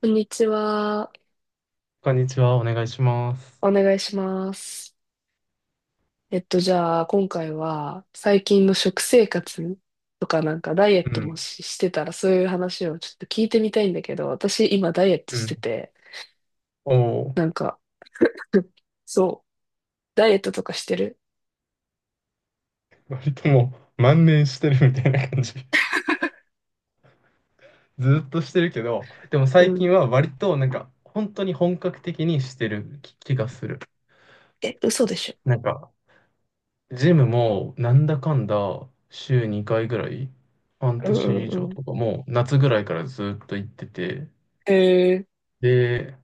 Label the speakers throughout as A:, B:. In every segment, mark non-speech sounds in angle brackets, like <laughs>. A: こんにちは。
B: こんにちは、お願いします。
A: お願いします。えっと、じゃあ、今回は、最近の食生活とか、ダイエ
B: う
A: ット
B: ん、
A: してたら、そういう話をちょっと聞いてみたいんだけど、私、今、ダイエット
B: う
A: して
B: ん。
A: て、
B: おお、
A: なんか、そう、ダイエットとかしてる。
B: 割ともう万年してるみたいな感じ。<laughs> ずっとしてるけど、でも
A: う
B: 最
A: ん。
B: 近は割となんか、本当に本格的にしてる気がする。
A: え、嘘でしょ。
B: なんか、ジムもなんだかんだ週2回ぐらい、半
A: うん
B: 年以
A: うん
B: 上
A: うん。
B: とかもう夏ぐらいからずっと行ってて、
A: へえ、
B: で、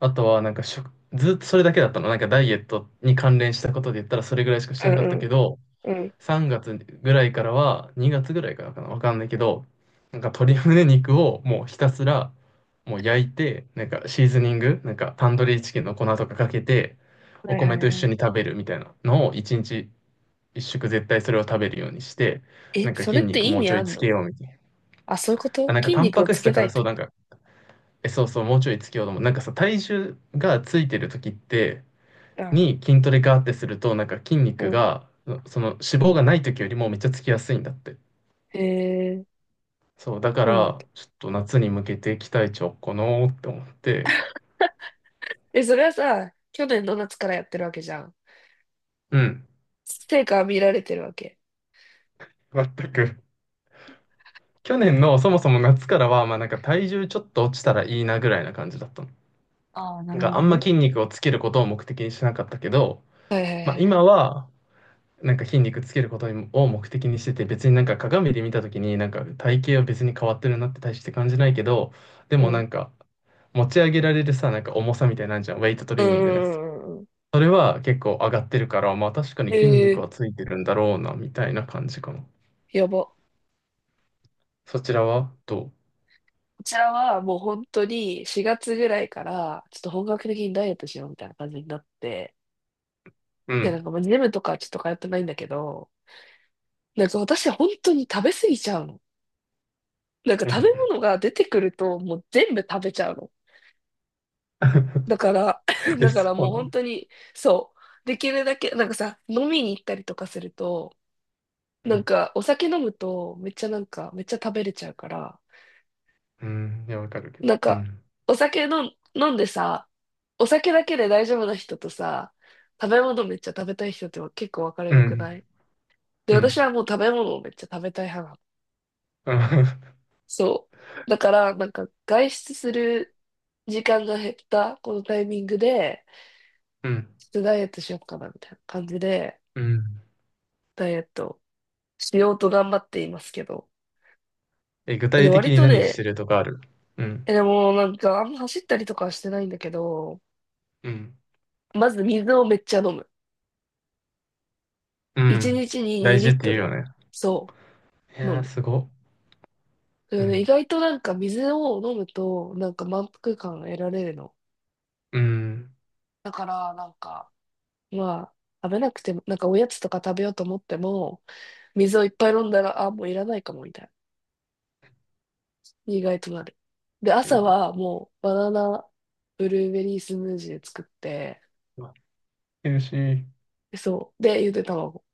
B: あとはなんか食ずっとそれだけだったの。なんかダイエットに関連したことで言ったらそれぐらいしかして
A: うん
B: なかったけど、
A: うんうん。
B: 3月ぐらいからは、2月ぐらいからかな、わかんないけど、なんか鶏胸肉をもうひたすらもう焼いて、なんかシーズニング、なんかタンドリーチキンの粉とかかけて、
A: は
B: お
A: いは
B: 米
A: い
B: と一
A: は
B: 緒
A: い。
B: に食べるみたいなのを1日1食絶対それを食べるようにして、
A: え、
B: なんか
A: そ
B: 筋
A: れって
B: 肉
A: 意
B: もう
A: 味
B: ちょ
A: あ
B: い
A: ん
B: つけ
A: の？
B: ようみたいな。
A: あ、そういうこ
B: あ、
A: と、
B: なんか
A: 筋
B: タン
A: 肉
B: パ
A: を
B: ク
A: つ
B: 質だ
A: け
B: か
A: たい
B: ら
A: っ
B: そ
A: て
B: う、
A: こ
B: なんか、え、そうそう、もうちょいつけようと思う。なんかさ、体重がついてる時って、
A: と。あ、
B: に筋トレガーってすると、なんか筋
A: う
B: 肉
A: ん。
B: が、その脂肪がない時よりもめっちゃつきやすいんだって。
A: へえ、
B: そう、だか
A: うん。
B: ら、ちょっと夏に向けて期待値をこのーって思って、
A: え、それはさ、去年の夏からやってるわけじゃん。
B: うん、
A: 成果は見られてるわけ？
B: 全く。去年のそもそも夏からは、まあなんか体重ちょっと落ちたらいいなぐらいな感じだったの。
A: ああ、な
B: なん
A: るほ
B: かあ
A: ど
B: んま
A: ね。
B: 筋肉をつけることを目的にしなかったけど、
A: はいはいは
B: まあ
A: い。
B: 今は、なんか筋肉つけることを目的にしてて、別になんか鏡で見た時になんか体型は別に変わってるなって大して感じないけど、で
A: う
B: もな
A: ん。
B: んか持ち上げられるさ、なんか重さみたいなんじゃん、ウェイトト
A: う
B: レ
A: ん
B: ー
A: う
B: ニングのや
A: んう
B: つ。
A: んうんうん。
B: それは結構上がってるから、まあ確かに筋肉
A: ええ
B: はついてるんだろうな、みたいな感じかな。
A: ーやば。こ
B: そちらはど
A: ちらはもう本当に4月ぐらいから、ちょっと本格的にダイエットしようみたいな感じになって、
B: う。う
A: で、
B: ん。
A: まあジムとかはちょっと通ってないんだけど、なんか私本当に食べ過ぎちゃうの。なんか
B: う
A: 食べ
B: ん。
A: 物が出てくるともう全部食べちゃうの。だから、
B: <laughs>
A: <laughs>
B: で、
A: だか
B: そ
A: らも
B: う
A: う
B: なの。
A: 本当に、そう。できるだけ、なんかさ、飲みに行ったりとかすると、
B: う
A: なん
B: ん。
A: か、お酒飲むと、めっちゃなんか、めっちゃ食べれちゃうから、
B: うん。いや、わかるけど。
A: なん
B: う
A: か、
B: ん。
A: お酒飲んでさ、お酒だけで大丈夫な人とさ、食べ物めっちゃ食べたい人って結構分かれ
B: う
A: るく
B: ん。
A: ない？で、
B: う
A: 私
B: ん。
A: はもう食べ物をめっちゃ食べたい派なの。
B: うん。
A: そう。だから、なんか、外出する時間が減った、このタイミングで、
B: うん。
A: ちょっとダイエットしようかな、みたいな感じで、
B: <laughs> うん。
A: ダイエットしようと頑張っていますけど。
B: え、具体
A: で、
B: 的
A: 割
B: に
A: と
B: 何し
A: ね、
B: てるとかある？うん。
A: え、でもなんかあんま走ったりとかはしてないんだけど、
B: うん。
A: まず水をめっちゃ飲む。
B: う
A: 1
B: ん。
A: 日に2
B: 大事
A: リ
B: っ
A: ッ
B: て
A: ト
B: 言うよ
A: ル。
B: ね。
A: そ
B: い
A: う、
B: や
A: 飲
B: ー、
A: む。
B: すご。
A: そ
B: う
A: れで意
B: ん。
A: 外となんか水を飲むとなんか満腹感得られるの。
B: うん。
A: だからなんか、まあ、食べなくても、なんかおやつとか食べようと思っても、水をいっぱい飲んだら、あ、もういらないかもみたいな。意外となる。で、朝
B: え、
A: はもうバナナブルーベリースムージー作って、
B: うわ、ヘルシー。
A: そう。で、ゆで卵。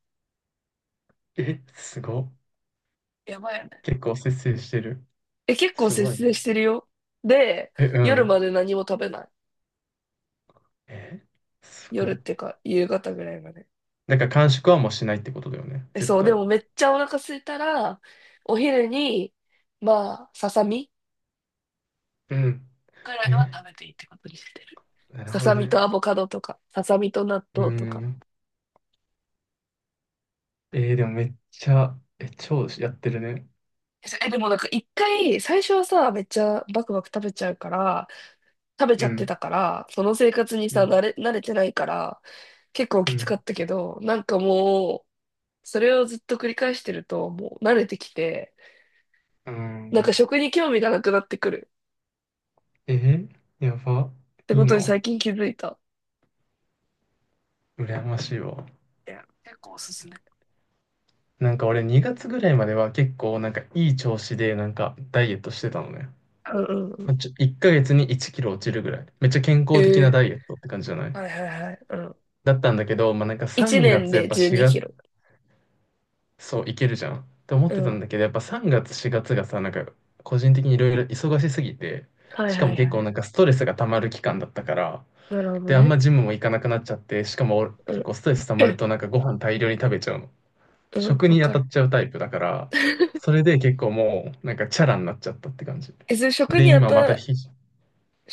B: え、すご。
A: やばいよね。
B: 結構節制してる。
A: え、結構
B: す
A: 節
B: ごいね。
A: 制してるよ。で、
B: え、う
A: 夜ま
B: ん。
A: で何も食べない。
B: え、す
A: 夜
B: ご
A: っ
B: っ。
A: ていうか、夕方ぐらいまで。
B: なんか完食はもうしないってことだよね。
A: え、
B: 絶
A: そう、で
B: 対。
A: もめっちゃお腹空いたら、お昼に、まあ、ささみ
B: うん。
A: ぐらいは
B: え、
A: 食べていいってことにしてる。
B: なる
A: さ
B: ほ
A: さ
B: ど
A: み
B: ね。
A: とアボカドとか、ささみと納
B: う
A: 豆とか。
B: ん。えーでもめっちゃ、え、超やってるね。
A: え、でもなんか一回、最初はさ、めっちゃバクバク食べちゃうから、食べちゃ
B: う
A: って
B: ん。
A: たから、その生活に
B: う
A: さ、
B: ん。
A: 慣れてないから、結構
B: う
A: きつ
B: ん。
A: かったけど、なんかもう、それをずっと繰り返してると、もう慣れてきて、
B: うん。
A: なんか食に興味がなくなってくる
B: えーやば。
A: って
B: いい
A: ことに
B: の？
A: 最近気づいた。
B: 羨ましいわ。
A: いや、結構おすすめ。
B: なんか俺2月ぐらいまでは結構なんかいい調子でなんかダイエットしてたのね。
A: うんうんうん。
B: まあちょ、1ヶ月に1キロ落ちるぐらい。めっちゃ健
A: え
B: 康的な
A: え、
B: ダイエットって感じじゃない？
A: はいはいはい。うん。
B: だったんだけど、まあなんか
A: 1
B: 3
A: 年
B: 月やっ
A: で
B: ぱ
A: 12キ
B: 4、
A: ロ。
B: そう、いけるじゃんって思っ
A: う
B: てたん
A: ん。
B: だけど、やっぱ3月、4月がさ、なんか個人的にいろいろ忙しすぎて、
A: はい
B: しか
A: は
B: も
A: いは
B: 結
A: い。
B: 構なんかストレスが溜まる期間だったから、
A: なるほど
B: で、あんま
A: ね。
B: ジムも行かなくなっちゃって、しかも俺
A: う
B: 結
A: ん。
B: 構ストレス溜まる
A: <clears throat>
B: となんかご飯大量に食べちゃうの。
A: うん、
B: 食
A: わ
B: に当
A: か
B: た
A: る。
B: っちゃうタイプだから、
A: <laughs>
B: それで結構もうなんかチャラになっちゃったって感じ。
A: え、それ食
B: で、
A: に当
B: 今また
A: た、
B: ひ、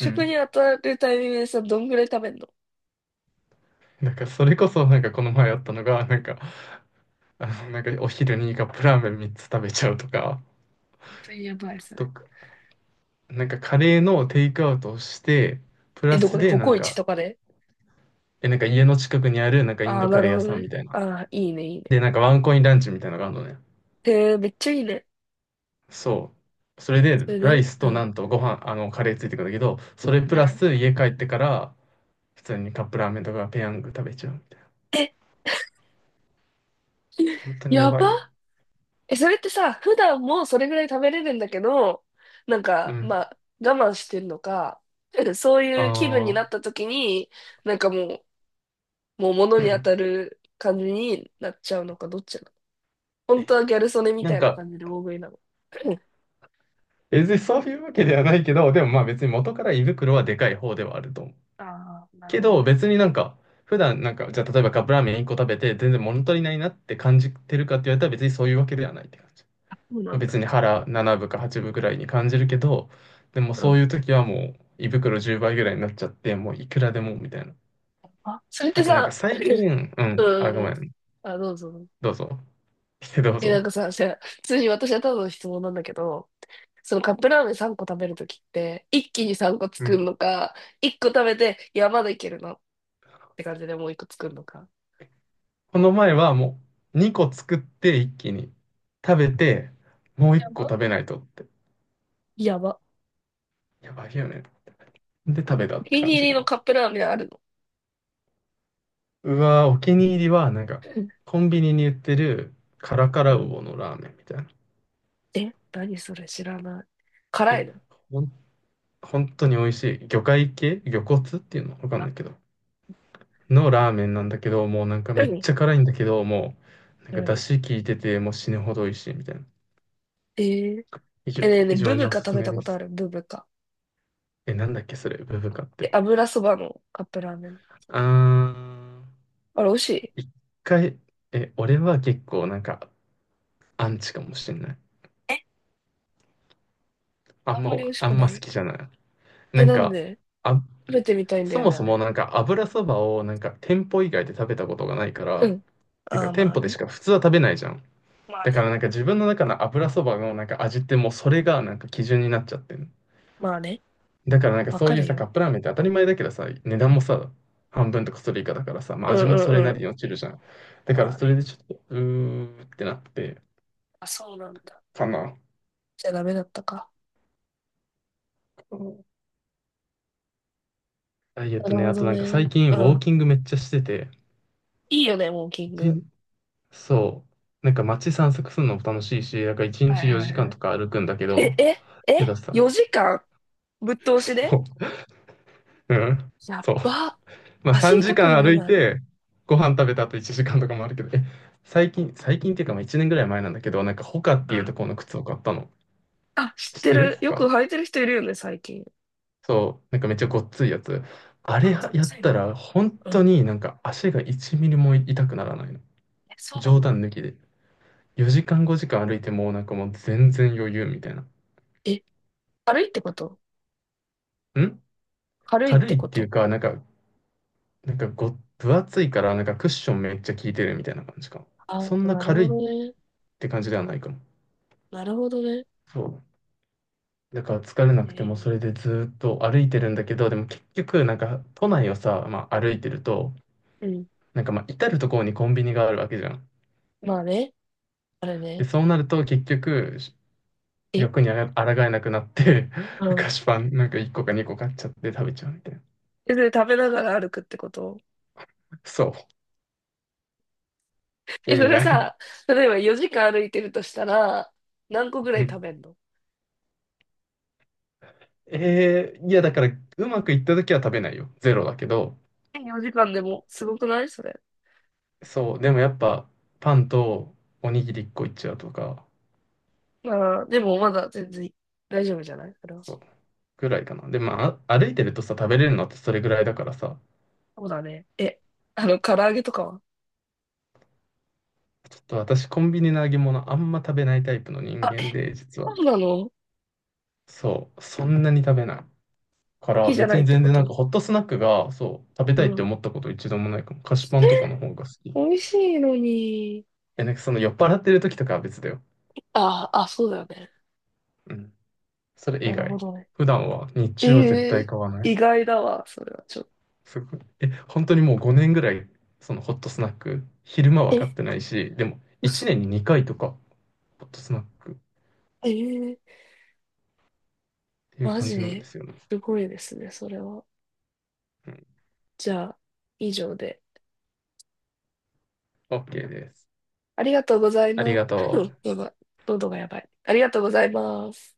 B: うん。
A: に当たるタイミングでさ、どんぐらい食べんの？
B: なんかそれこそなんかこの前あったのが、なんか、あの、なんかお昼にカップラーメン3つ食べちゃうとか、
A: 本当にやばい、それ。
B: と、なんかカレーのテイクアウトをして、プ
A: え、
B: ラ
A: どこ
B: ス
A: で？
B: で
A: コ
B: な
A: コ
B: ん
A: イチ
B: か、
A: とかで？
B: え、なんか家の近くにあるなんかイン
A: ああ
B: ド
A: ー、な
B: カレ
A: る
B: ー
A: ほ
B: 屋
A: ど
B: さん
A: ね。
B: みたい
A: あ
B: な。
A: あ、いいね、いい
B: で、
A: ね。
B: なんかワンコインランチみたいなのがあるのね。
A: へえ、めっちゃいいね。
B: そう。それで
A: それ
B: ライ
A: で
B: ス
A: う
B: と
A: ん。
B: なんとご飯、あのカレーついてくるんだけど、それプ
A: う
B: ラ
A: ん。
B: ス家帰ってから普通にカップラーメンとかペヤング食べちゃうみたいな。
A: え
B: 本
A: <laughs>
B: 当にや
A: や
B: ば
A: ば。
B: いよ。
A: え、それってさ、普段もそれぐらい食べれるんだけど、なん
B: う
A: か、
B: ん。
A: まあ、我慢してんのか、<laughs> そういう気分になっ
B: あ
A: た時に、なんかもう、もう物
B: ー。
A: に当たる感じになっちゃうのか、どっちなの？本当
B: <clears throat>
A: はギャル曽根み
B: な
A: た
B: ん
A: いな
B: か、
A: 感じで大食いなの？<clears throat>
B: 別にそういうわけではないけど、でもまあ別に元から胃袋はでかい方ではあると思う。
A: ああ、なる
B: け
A: ほど
B: ど、
A: ね。
B: 別になんか、普段なんか、じゃあ例えばカップラーメン1個食べて、全然物足りないなって感じてるかって言われたら別にそういうわけではないって感じ。
A: そう
B: ま
A: な
B: あ
A: ん
B: 別
A: だ。
B: に腹7分か8分ぐらいに感じるけど、でも
A: う
B: そう
A: ん。
B: いう時はもう胃袋10倍ぐらいになっちゃって、もういくらでもみたいな。
A: あ、それって
B: あとなんか
A: さ、
B: 最
A: <clears throat>
B: 近、う
A: う
B: ん、あ、
A: んう
B: ご
A: ん
B: め
A: うん。
B: ん、
A: あ、どうぞ。
B: どうぞ。<laughs> どう
A: え、なん
B: ぞ。
A: かさ、じゃあ普通に私はただの質問なんだけど、そのカップラーメン3個食べるときって、一気に3個
B: う
A: 作る
B: ん、
A: のか、1個食べて、いや、まだいけるなって感じでもう1個作るのか。
B: この前はもう2個作って一気に食べて、もう1
A: や
B: 個
A: ば。
B: 食べないとって。
A: やば。
B: やばいよね。で食べた
A: お
B: って
A: 気
B: 感
A: に入
B: じか
A: りの
B: な。
A: カップラーメンあるの？
B: うわー、お気に入りは、なんか、コンビニに売ってるカラカ
A: う
B: ラウ
A: ん。
B: オのラーメンみたいな。
A: え、何それ知らない。辛
B: え、
A: いの？
B: ほん、本当に美味しい。魚介系魚骨っていうのわかんないけど。のラーメンなんだけど、もうなんかめっ
A: 何？
B: ちゃ辛いんだけど、もう、なん
A: う
B: か
A: ん。
B: 出汁効いてて、もう死ぬほど美味しいみたいな。
A: えー、
B: 非常、
A: え、ねえねえ、
B: 非常
A: ブ
B: に
A: ブ
B: お
A: カ
B: す
A: 食
B: す
A: べ
B: め
A: た
B: で
A: ことあ
B: す。
A: る？ブブカ。
B: え、なんだっけ、それ、ブブカっ
A: え、
B: て。
A: 油そばのカップラーメン。
B: あ
A: あれ、美味しい？
B: ー、一回、え、俺は結構なんか、アンチかもしれない。
A: え、
B: あ
A: あ
B: ん
A: ん
B: ま、
A: まり美味し
B: あ
A: く
B: ん
A: な
B: ま好
A: い？
B: きじゃない。な
A: え、
B: ん
A: なん
B: か、
A: で？
B: あ、
A: 食べてみたいんだ
B: そ
A: よ
B: も
A: ね、あ
B: そも
A: れ。
B: なんか油そばをなんか店舗以外で食べたことがないから、
A: う
B: っ
A: ん。
B: ていう
A: あ
B: か
A: あ、
B: 店
A: まあ
B: 舗で
A: ね。
B: しか普通は食べないじゃん。
A: まあ
B: だか
A: ね。
B: らなんか自分の中の油そばのなんか味ってもうそれがなんか基準になっちゃってる。
A: まあね。
B: だからなんか
A: わ
B: そ
A: か
B: ういう
A: る
B: さ、
A: よ。
B: カップラーメンって当たり前だけどさ、値段もさ、半分とかそれ以下だからさ、ま
A: う
B: あ
A: ん
B: 味もそれな
A: う
B: り
A: ん、
B: に落ちるじゃん。だから
A: まあ
B: それ
A: ね。
B: でちょっと、うーってなって、
A: あ、そうなんだ。
B: かな。
A: じゃあダメだったか。
B: ダイエッ
A: な
B: ト
A: る
B: ね、
A: ほ
B: あと
A: ど
B: なんか最
A: ね。
B: 近ウ
A: う
B: ォー
A: ん。
B: キングめっちゃしてて、
A: いいよね、ウォーキング。
B: そう。なんか街散策するのも楽しいし、なんか1
A: はい
B: 日
A: は
B: 4
A: い
B: 時
A: は
B: 間
A: い。
B: とか歩くんだけど、
A: え、え、
B: けど
A: え、
B: さ、
A: 4時間ぶっ通しで？
B: こう、うん、
A: やっ
B: そう。
A: ば。
B: まあ
A: 足
B: 3
A: 痛く
B: 時
A: な
B: 間
A: ら
B: 歩い
A: ない？
B: て、ご飯食べた後1時間とかもあるけど、え、最近っていうかまあ1年ぐらい前なんだけど、なんかホカっ
A: う
B: ていう
A: ん。
B: ところの靴を買ったの。
A: あ、知っ
B: 知っ
A: て
B: てる
A: る。
B: ホ
A: よく
B: カ？
A: 履いてる人いるよね、最近。
B: そう。なんかめっちゃごっついやつ。あ
A: あ、
B: れ
A: こっ
B: や
A: ち
B: った
A: に。
B: ら、本
A: う
B: 当
A: ん。
B: になんか足が1ミリも痛くならないの。
A: え、そうな
B: 冗
A: の？
B: 談抜きで。4時間5時間歩いても、なんかもう全然余裕みたいな。
A: え、軽いってこと？
B: ん、
A: 軽いっ
B: 軽い
A: て
B: っ
A: こ
B: ていう
A: と。
B: か、なんか、なんかご、分厚いから、なんかクッションめっちゃ効いてるみたいな感じかも。
A: ああ
B: そん
A: ー、
B: な
A: なる
B: 軽
A: ほ
B: いっ
A: どね。
B: て感じではないかも。
A: なるほどね。
B: そう。だから疲れな
A: え
B: くても
A: ー
B: それでずーっと歩いてるんだけど、でも結局なんか都内をさ、まあ歩いてると、
A: うん。
B: なんかまあ至る所にコンビニがあるわけじゃん。
A: まあね。あれ
B: で、
A: ね。
B: そうなると結局し
A: え、
B: 欲にあら抗えなくなって
A: う
B: <laughs>
A: ん。
B: 菓子パンなんか1個か2個買っちゃって食べちゃうみたいな。
A: え、で、食べながら歩くってこと？
B: そう。意
A: え、そ
B: 味
A: れ
B: ない。
A: さ、例えば4時間歩いてるとしたら、何個ぐらい食べんの？
B: <laughs> えー、いやだからうまくいった時は食べないよ。ゼロだけど、
A: え、4時間でも、すごくないそれ？
B: そう、でもやっぱパンとおにぎり1個いっちゃうとか、
A: まあ、でもまだ全然大丈夫じゃないそれは。そ
B: そうぐらいかな。で、まあ、あ、歩いてるとさ、食べれるのってそれぐらいだからさ、
A: うだね。え、あの、唐揚げとかは？
B: ちょっと私コンビニの揚げ物あんま食べないタイプの人間で、実
A: そ
B: は。
A: うなの？好
B: そう、そんなに食べない。から
A: きじゃな
B: 別
A: いっ
B: に
A: て
B: 全
A: こ
B: 然なん
A: と？
B: かホットスナックが、そう、食べ
A: う
B: たいって
A: ん。
B: 思ったこと一度もないかも。菓子パ
A: え、
B: ンとかの方が好き。
A: 美味しいのに。
B: え、なんかその酔っ払ってる時とかは別だよ。
A: あ、あ、そうだよね。
B: うん。それ以
A: なるほ
B: 外。
A: どね。
B: 普段は、日中は絶
A: え
B: 対
A: え、
B: 買わない。
A: 意外だわ、それはちょっと。
B: すごい。え、本当にもう5年ぐらい、そのホットスナック、昼間は買っ
A: え、
B: てないし、でも1
A: 嘘。
B: 年に2回とか、ホットスナックっ
A: ええ
B: ていう
A: マ
B: 感じなん
A: ジ。
B: ですよね。
A: すごいですね、それは。
B: うん。
A: じゃあ、以上で。
B: OK です。
A: ありがとうござい
B: あり
A: ます。
B: がと
A: <coughs>
B: う。
A: <laughs> やばい。喉がやばい。ありがとうございます。